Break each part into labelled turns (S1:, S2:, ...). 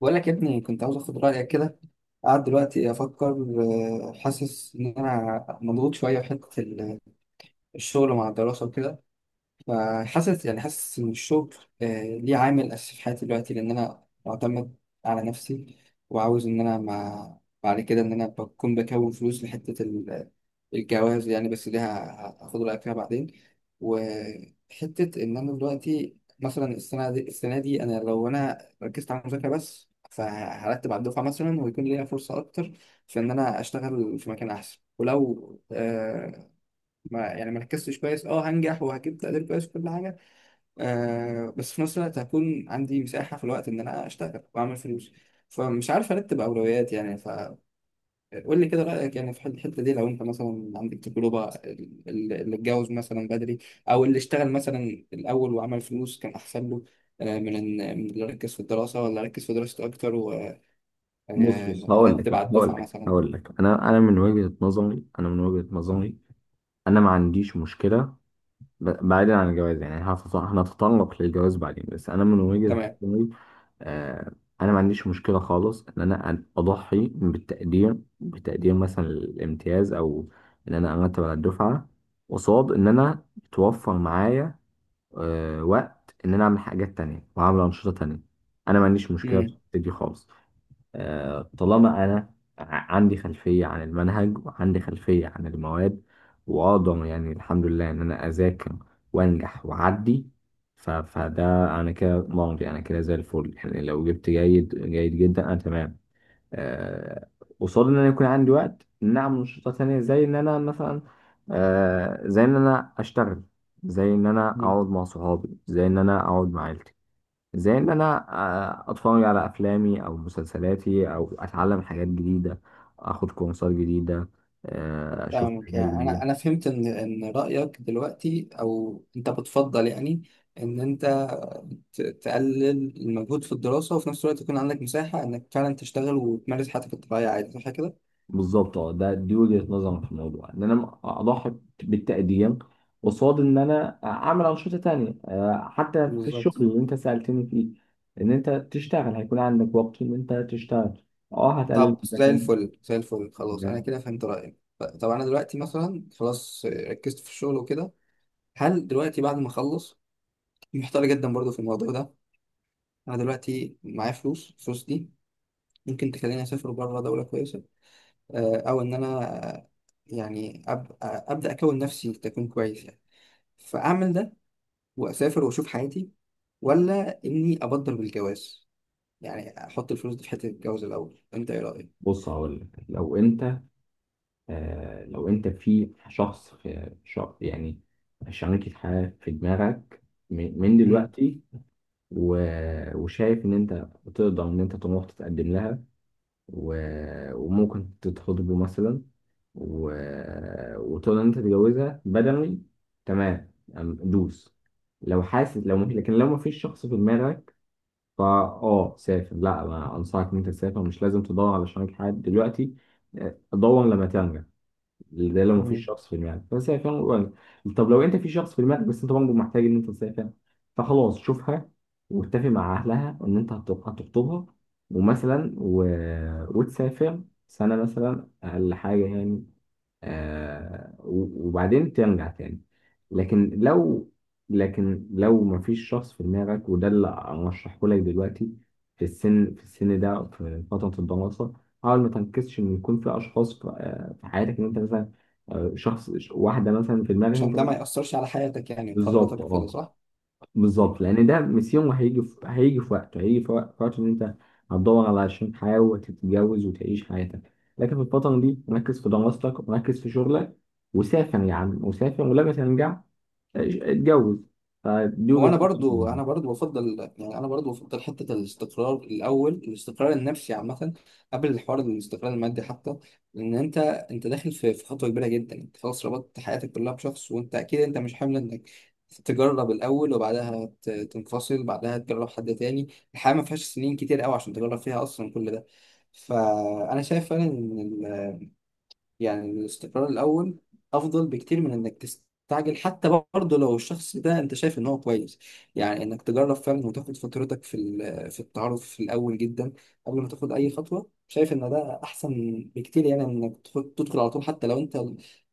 S1: بقول لك يا ابني، كنت عاوز اخد رايك كده. قاعد دلوقتي افكر. حاسس ان انا مضغوط شويه في حته الشغل مع الدراسه وكده. فحاسس يعني حاسس إن الشغل ليه عامل أساسي في حياتي دلوقتي، لأن أنا معتمد على نفسي. وعاوز إن أنا مع بعد كده إن أنا بكون فلوس لحتة الجواز يعني، بس دي هاخد رأيك فيها بعدين. وحتة إن أنا دلوقتي مثلا السنة دي أنا لو أنا ركزت على المذاكرة بس فهرتب على الدفعة مثلا، ويكون ليا فرصة أكتر في إن أنا أشتغل في مكان أحسن. ولو ما يعني ما ركزتش كويس اه هنجح وهجيب تقدير كويس وكل حاجه. بس في نفس الوقت هكون عندي مساحه في الوقت ان انا اشتغل واعمل فلوس. فمش عارف ارتب اولويات يعني. فقول لي كده رايك يعني في الحته دي، لو انت مثلا عندك تجربه اللي اتجوز مثلا بدري، او اللي اشتغل مثلا الاول وعمل فلوس كان احسن له، من ان من اللي ركز في الدراسه، ولا ركز في دراسته اكتر
S2: بص، هقول لك
S1: وارتب على
S2: هقول
S1: الدفعه
S2: لك
S1: مثلا.
S2: هقول لك انا من وجهة نظري، انا ما عنديش مشكلة. بعيدا عن الجواز، يعني هنتطرق للجواز بعدين، بس انا من وجهة
S1: تمام.
S2: نظري. آه، انا ما عنديش مشكلة خالص ان انا اضحي بالتقدير، بتقدير مثلا الامتياز، او ان انا ارتب على الدفعة قصاد ان انا توفر معايا وقت ان انا اعمل حاجات تانية واعمل انشطة تانية. انا ما عنديش مشكلة في
S1: مم.
S2: الحتة دي خالص. آه، طالما انا عندي خلفيه عن المنهج وعندي خلفيه عن المواد، واقدر يعني الحمد لله ان انا اذاكر وانجح واعدي. فده، انا كده مرضي، انا كده زي الفل. يعني لو جبت جيد، جيد جدا، انا تمام. آه، قصاد ان انا يكون عندي وقت إن اعمل نشاطات تانية، زي ان انا مثلا، آه، زي ان انا اشتغل، زي ان انا اقعد مع صحابي، زي ان انا اقعد مع عيلتي، زي ان انا، آه، اتفرج على افلامي او مسلسلاتي، او اتعلم حاجات جديده، اخد كورسات جديده، آه، اشوف
S1: فاهمك
S2: حاجات
S1: يعني.
S2: جديده.
S1: انا فهمت ان رايك دلوقتي، او انت بتفضل يعني ان انت تقلل المجهود في الدراسه، وفي نفس الوقت يكون عندك مساحه انك فعلا تشتغل وتمارس حياتك الطبيعيه عادي، صح كده؟
S2: بالظبط، اه، دي وجهه نظري في الموضوع، ان انا اضحي بالتقدير قصاد ان انا اعمل انشطه تانية. آه، حتى في الشغل
S1: بالظبط.
S2: اللي انت سالتني فيه، ان انت تشتغل، هيكون عندك وقت ان انت تشتغل. اه، هتقلل
S1: طب
S2: من
S1: زي
S2: سكن.
S1: الفل زي الفل، خلاص انا كده فهمت رايك. طب انا دلوقتي مثلا خلاص ركزت في الشغل وكده. هل دلوقتي بعد ما اخلص، محتار جدا برضو في الموضوع ده. انا دلوقتي معايا فلوس. الفلوس دي ممكن تخليني اسافر بره دوله كويسه، او ان انا يعني ابدا اكون نفسي تكون كويس يعني، فاعمل ده واسافر واشوف حياتي. ولا اني ابدر بالجواز يعني، احط الفلوس دي في حته الجواز الاول. انت ايه رايك؟
S2: بص، هقول لك، لو انت، آه، لو انت في شخص، يعني شريكة حياة في دماغك من
S1: امم.
S2: دلوقتي، وشايف ان انت تقدر ان انت تروح تتقدم لها، وممكن تتخطبوا مثلا، و... وتقدر ان انت تتجوزها بدني، تمام، دوس. لو حاسس، لو مفيش لكن لو مفيش شخص في دماغك، فا اه سافر، لا انا انصحك ان انت تسافر. مش لازم تدور على شريك حياة دلوقتي، آه، دور لما ترجع. ده لو مفيش شخص في دماغك، بس هي فعلا قريبة. طب لو انت في شخص في دماغك، بس انت برضه محتاج ان انت تسافر، فخلاص شوفها واتفق مع اهلها ان انت هتخطبها ومثلا و... وتسافر سنة مثلا اقل حاجة يعني. آه، وبعدين ترجع تاني. لكن لو لكن لو مفيش شخص في دماغك، وده اللي ارشحه لك دلوقتي. في السن ده، في فترة الدراسة، حاول ما تركزش ان يكون في اشخاص في، آه، في حياتك، ان انت مثلا، آه، شخص واحدة مثلا في دماغك
S1: عشان
S2: انت.
S1: ده ما ياثرش على حياتك يعني
S2: بالظبط،
S1: قراراتك كده،
S2: اه،
S1: صح؟
S2: بالظبط، لان ده ميسيون، هيجي في هيجي في وقته هيجي في وق- في وقت ان انت هتدور على عشان حياه وتتجوز وتعيش حياتك. لكن في الفتره دي، ركز في دراستك وركز في شغلك، وسافر يا عم، وسافر، ولما ترجع اتجوز. فدي
S1: هو
S2: وجهه
S1: انا برضو
S2: نظري.
S1: انا برضو بفضل يعني، انا برضو بفضل حته الاستقرار الاول، الاستقرار النفسي عامه قبل الحوار، الاستقرار المادي حتى. لان انت داخل في خطوه كبيره جدا، انت خلاص ربطت حياتك كلها بشخص، وانت اكيد انت مش حامل انك تجرب الاول وبعدها تنفصل بعدها تجرب حد تاني. الحياه ما فيهاش سنين كتير قوي عشان تجرب فيها اصلا كل ده. فانا شايف فعلا يعني الاستقرار الأول أفضل بكتير من إنك تستعجل، حتى برضه لو الشخص ده أنت شايف إن هو كويس يعني، إنك تجرب فعلا وتاخد فترتك في في التعرف في الأول جدا قبل ما تاخد أي خطوة. شايف إن ده أحسن بكتير يعني، من إنك تدخل على طول، حتى لو أنت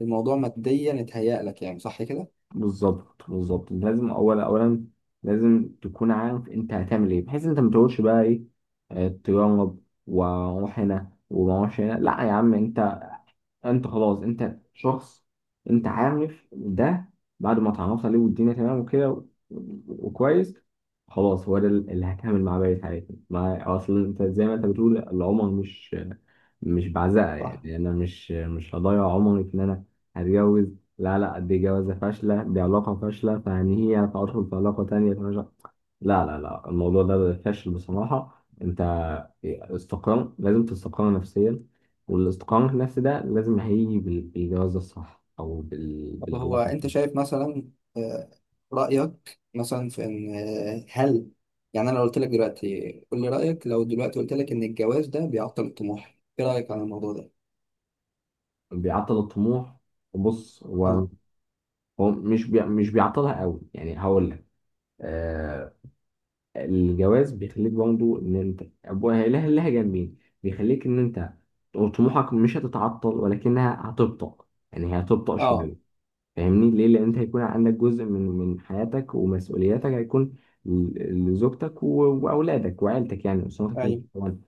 S1: الموضوع ماديا اتهيأ لك يعني، صح كده؟
S2: بالظبط بالظبط، لازم اولا لازم تكون عارف انت هتعمل ايه، بحيث انت ما تقولش بقى ايه، آه، تجرب واروح هنا وما اروحش هنا. لا يا عم انت، انت خلاص، انت شخص انت عارف ده، بعد ما اتعرفت عليه، والدنيا تمام وكده وكويس، خلاص هو ده اللي هكمل مع بقية حياتي. مع اصل انت زي ما انت بتقول، العمر مش، مش بعزقه.
S1: صح.
S2: يعني انا مش هضيع عمري في ان انا هتجوز. لا لا، دي جوازة فاشلة، دي علاقة فاشلة، فهنيها فادخل في علاقة تانية. لا لا لا، الموضوع ده فاشل بصراحة. انت استقرار، لازم تستقر نفسيا. والاستقرار النفسي ده لازم هيجي بالجواز الصح، او
S1: طب هو
S2: بالعلاقة
S1: انت
S2: دي.
S1: شايف مثلا، آه، رأيك مثلا في ان هل يعني انا لو قلت لك دلوقتي قول لي رأيك. لو دلوقتي قلت لك ان الجواز ده بيعطل الطموح، ايه رأيك عن الموضوع ده؟
S2: بيعطل الطموح؟ بص، هو،
S1: اه.
S2: هو مش بيعطلها قوي يعني، هقول لك. آه، الجواز بيخليك برضه، ان انت أبوها لها جنبين، بيخليك ان انت طموحك مش هتتعطل، ولكنها هتبطأ، يعني هي هتبطأ
S1: اه.
S2: شوية. فاهمني ليه؟ لان انت هيكون عندك جزء من حياتك، ومسؤولياتك هيكون لزوجتك واولادك وعيلتك، يعني اسرتك اللي
S1: ايوه.
S2: طبعا،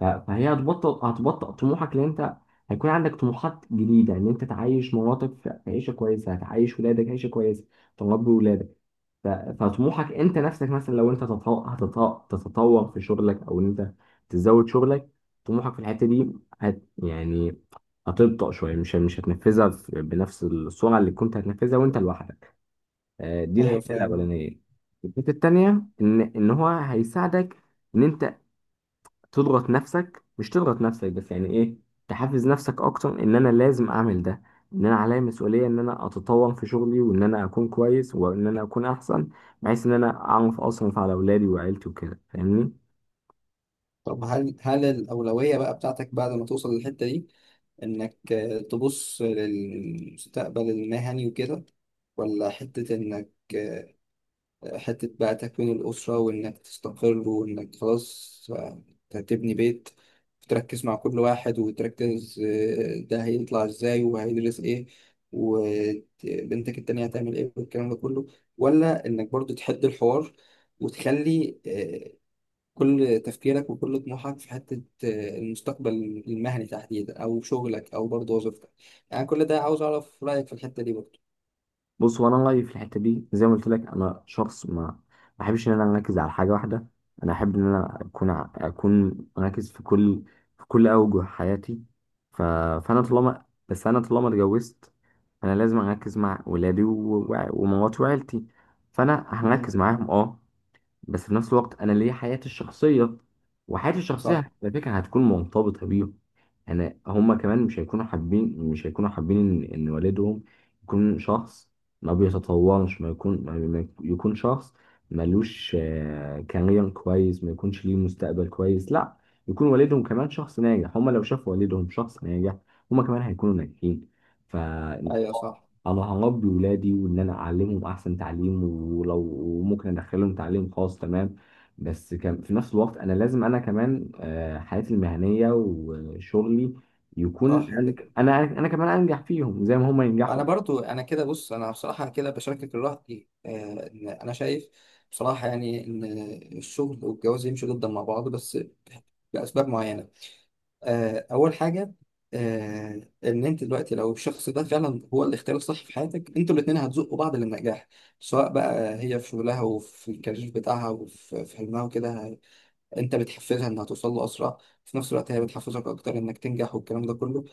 S2: فهي هتبطئ طموحك، لان انت هيكون عندك طموحات جديده ان انت تعيش مراتك في عيشه كويسه، هتعيش ولادك عيشه كويسه، تربي ولادك. ف- فطموحك انت نفسك، مثلا لو انت تتطور في شغلك، او ان انت تزود شغلك، طموحك في الحته دي، يعني هتبطأ شويه، مش هتنفذها بنفس السرعه اللي كنت هتنفذها وانت لوحدك. آه، دي
S1: ايوه
S2: الحته
S1: فاهم.
S2: الاولانيه. الحته التانيه ان هو هيساعدك ان انت تضغط نفسك، مش تضغط نفسك بس يعني ايه، تحفز نفسك اكتر ان انا لازم اعمل ده، ان انا عليا مسؤولية ان انا اتطور في شغلي، وان انا اكون كويس، وان انا اكون احسن، بحيث ان انا اعرف اصرف على اولادي وعيلتي وكده، فاهمني؟
S1: طب هل الأولوية بقى بتاعتك بعد ما توصل للحتة دي، انك تبص للمستقبل المهني وكده، ولا حتة انك آه، حتة بقى تكوين الأسرة، وإنك تستقر وإنك خلاص هتبني بيت، تركز مع كل واحد وتركز ده هيطلع إزاي وهيدرس إيه وبنتك التانية هتعمل إيه والكلام ده كله، ولا إنك برضو تحد الحوار وتخلي كل تفكيرك وكل طموحك في حتة المستقبل المهني تحديدا، أو شغلك أو برضو وظيفتك. يعني كل ده عاوز أعرف رأيك في الحتة دي برضو.
S2: بص، هو انا رايي في الحته دي زي ما قلت لك، انا شخص ما بحبش ان انا اركز على حاجه واحده. انا احب ان انا اكون اكون مركز في كل، في كل اوجه حياتي. ف... فانا طالما، بس انا طالما اتجوزت، انا لازم اركز مع ولادي و... و... ومراتي وعيلتي، فانا
S1: مم.
S2: هركز معاهم اه. بس في نفس الوقت انا ليا حياتي الشخصيه، وحياتي
S1: صح.
S2: الشخصيه على فكره هتكون مرتبطه بيهم. انا هما كمان مش هيكونوا حابين، ان إن والدهم يكون شخص ما بيتطورش، ما يكون، ما يكون شخص ملوش، آه، كارير كويس، ما يكونش ليه مستقبل كويس. لا، يكون والدهم كمان شخص ناجح. هما لو شافوا والدهم شخص ناجح، هما كمان هيكونوا ناجحين. ف
S1: أيوة صح.
S2: انا هربي ولادي، وان انا اعلمهم احسن تعليم، ولو وممكن ادخلهم تعليم خاص تمام. بس كان في نفس الوقت، انا لازم انا كمان، آه، حياتي المهنيه وشغلي،
S1: صح
S2: يكون انا،
S1: كده.
S2: انا كمان انجح فيهم زي ما هم ينجحوا.
S1: انا برضو انا كده بص، انا بصراحه كده بشاركك الراي، إن انا شايف بصراحه يعني ان الشغل والجواز يمشوا جدا مع بعض، بس لاسباب معينه. اول حاجه، ان انت دلوقتي لو الشخص ده فعلا هو الاختيار الصح في حياتك، انتوا الاثنين هتزقوا بعض للنجاح، سواء بقى هي في شغلها وفي الكارير بتاعها وفي حلمها وكده. انت بتحفزها انها توصل له اسرع، في نفس الوقت هي بتحفزك اكتر انك تنجح والكلام ده كله.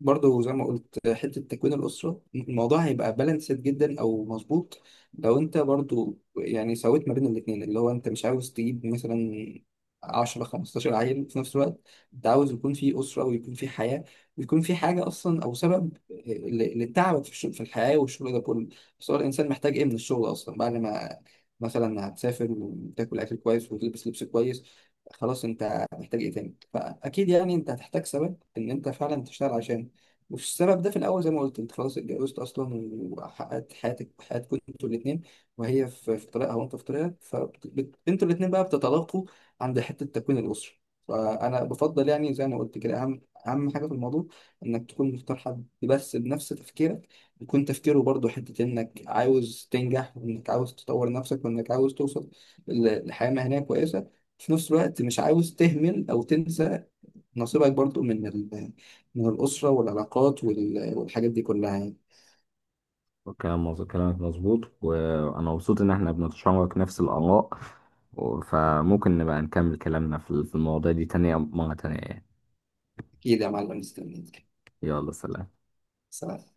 S1: برضه زي ما قلت حتة تكوين الأسرة، الموضوع هيبقى بالانسد جدا أو مظبوط لو أنت برضه يعني سويت ما بين الاتنين، اللي هو أنت مش عاوز تجيب مثلا 10 15 عيل في نفس الوقت. أنت عاوز يكون في أسرة، ويكون في حياة، ويكون في حاجة أصلا، أو سبب لتعبك في الشغل في الحياة والشغل ده كله. بس هو الإنسان محتاج إيه من الشغل أصلا بعد ما، مثلا، هتسافر وتاكل أكل كويس وتلبس لبس كويس. خلاص أنت محتاج إيه تاني؟ فأكيد يعني أنت هتحتاج سبب إن أنت فعلا تشتغل عشان، وفي السبب ده في الأول زي ما قلت، أنت خلاص اتجوزت أصلا وحققت حياتك حياتكم أنتوا الاتنين، وهي في طريقها وأنت في طريقك، فأنتوا الاتنين بقى بتتلاقوا عند حتة تكوين الأسرة. فأنا بفضل يعني زي ما قلت كده، أهم حاجة في الموضوع إنك تكون مختار حد بس بنفس تفكيرك، يكون تفكيره برضه حتة إنك عاوز تنجح وإنك عاوز تطور نفسك وإنك عاوز توصل لحياة مهنية كويسة، في نفس الوقت مش عاوز تهمل أو تنسى نصيبك برضو من من الأسرة والعلاقات والحاجات دي كلها يعني.
S2: كلامك مظبوط، وانا مبسوط ان احنا بنتشارك نفس الاراء، فممكن نبقى نكمل كلامنا في المواضيع دي تانية، مرة تانية يعني.
S1: أكيد يا معلم، مستنيك.
S2: يلا، سلام.
S1: سلام.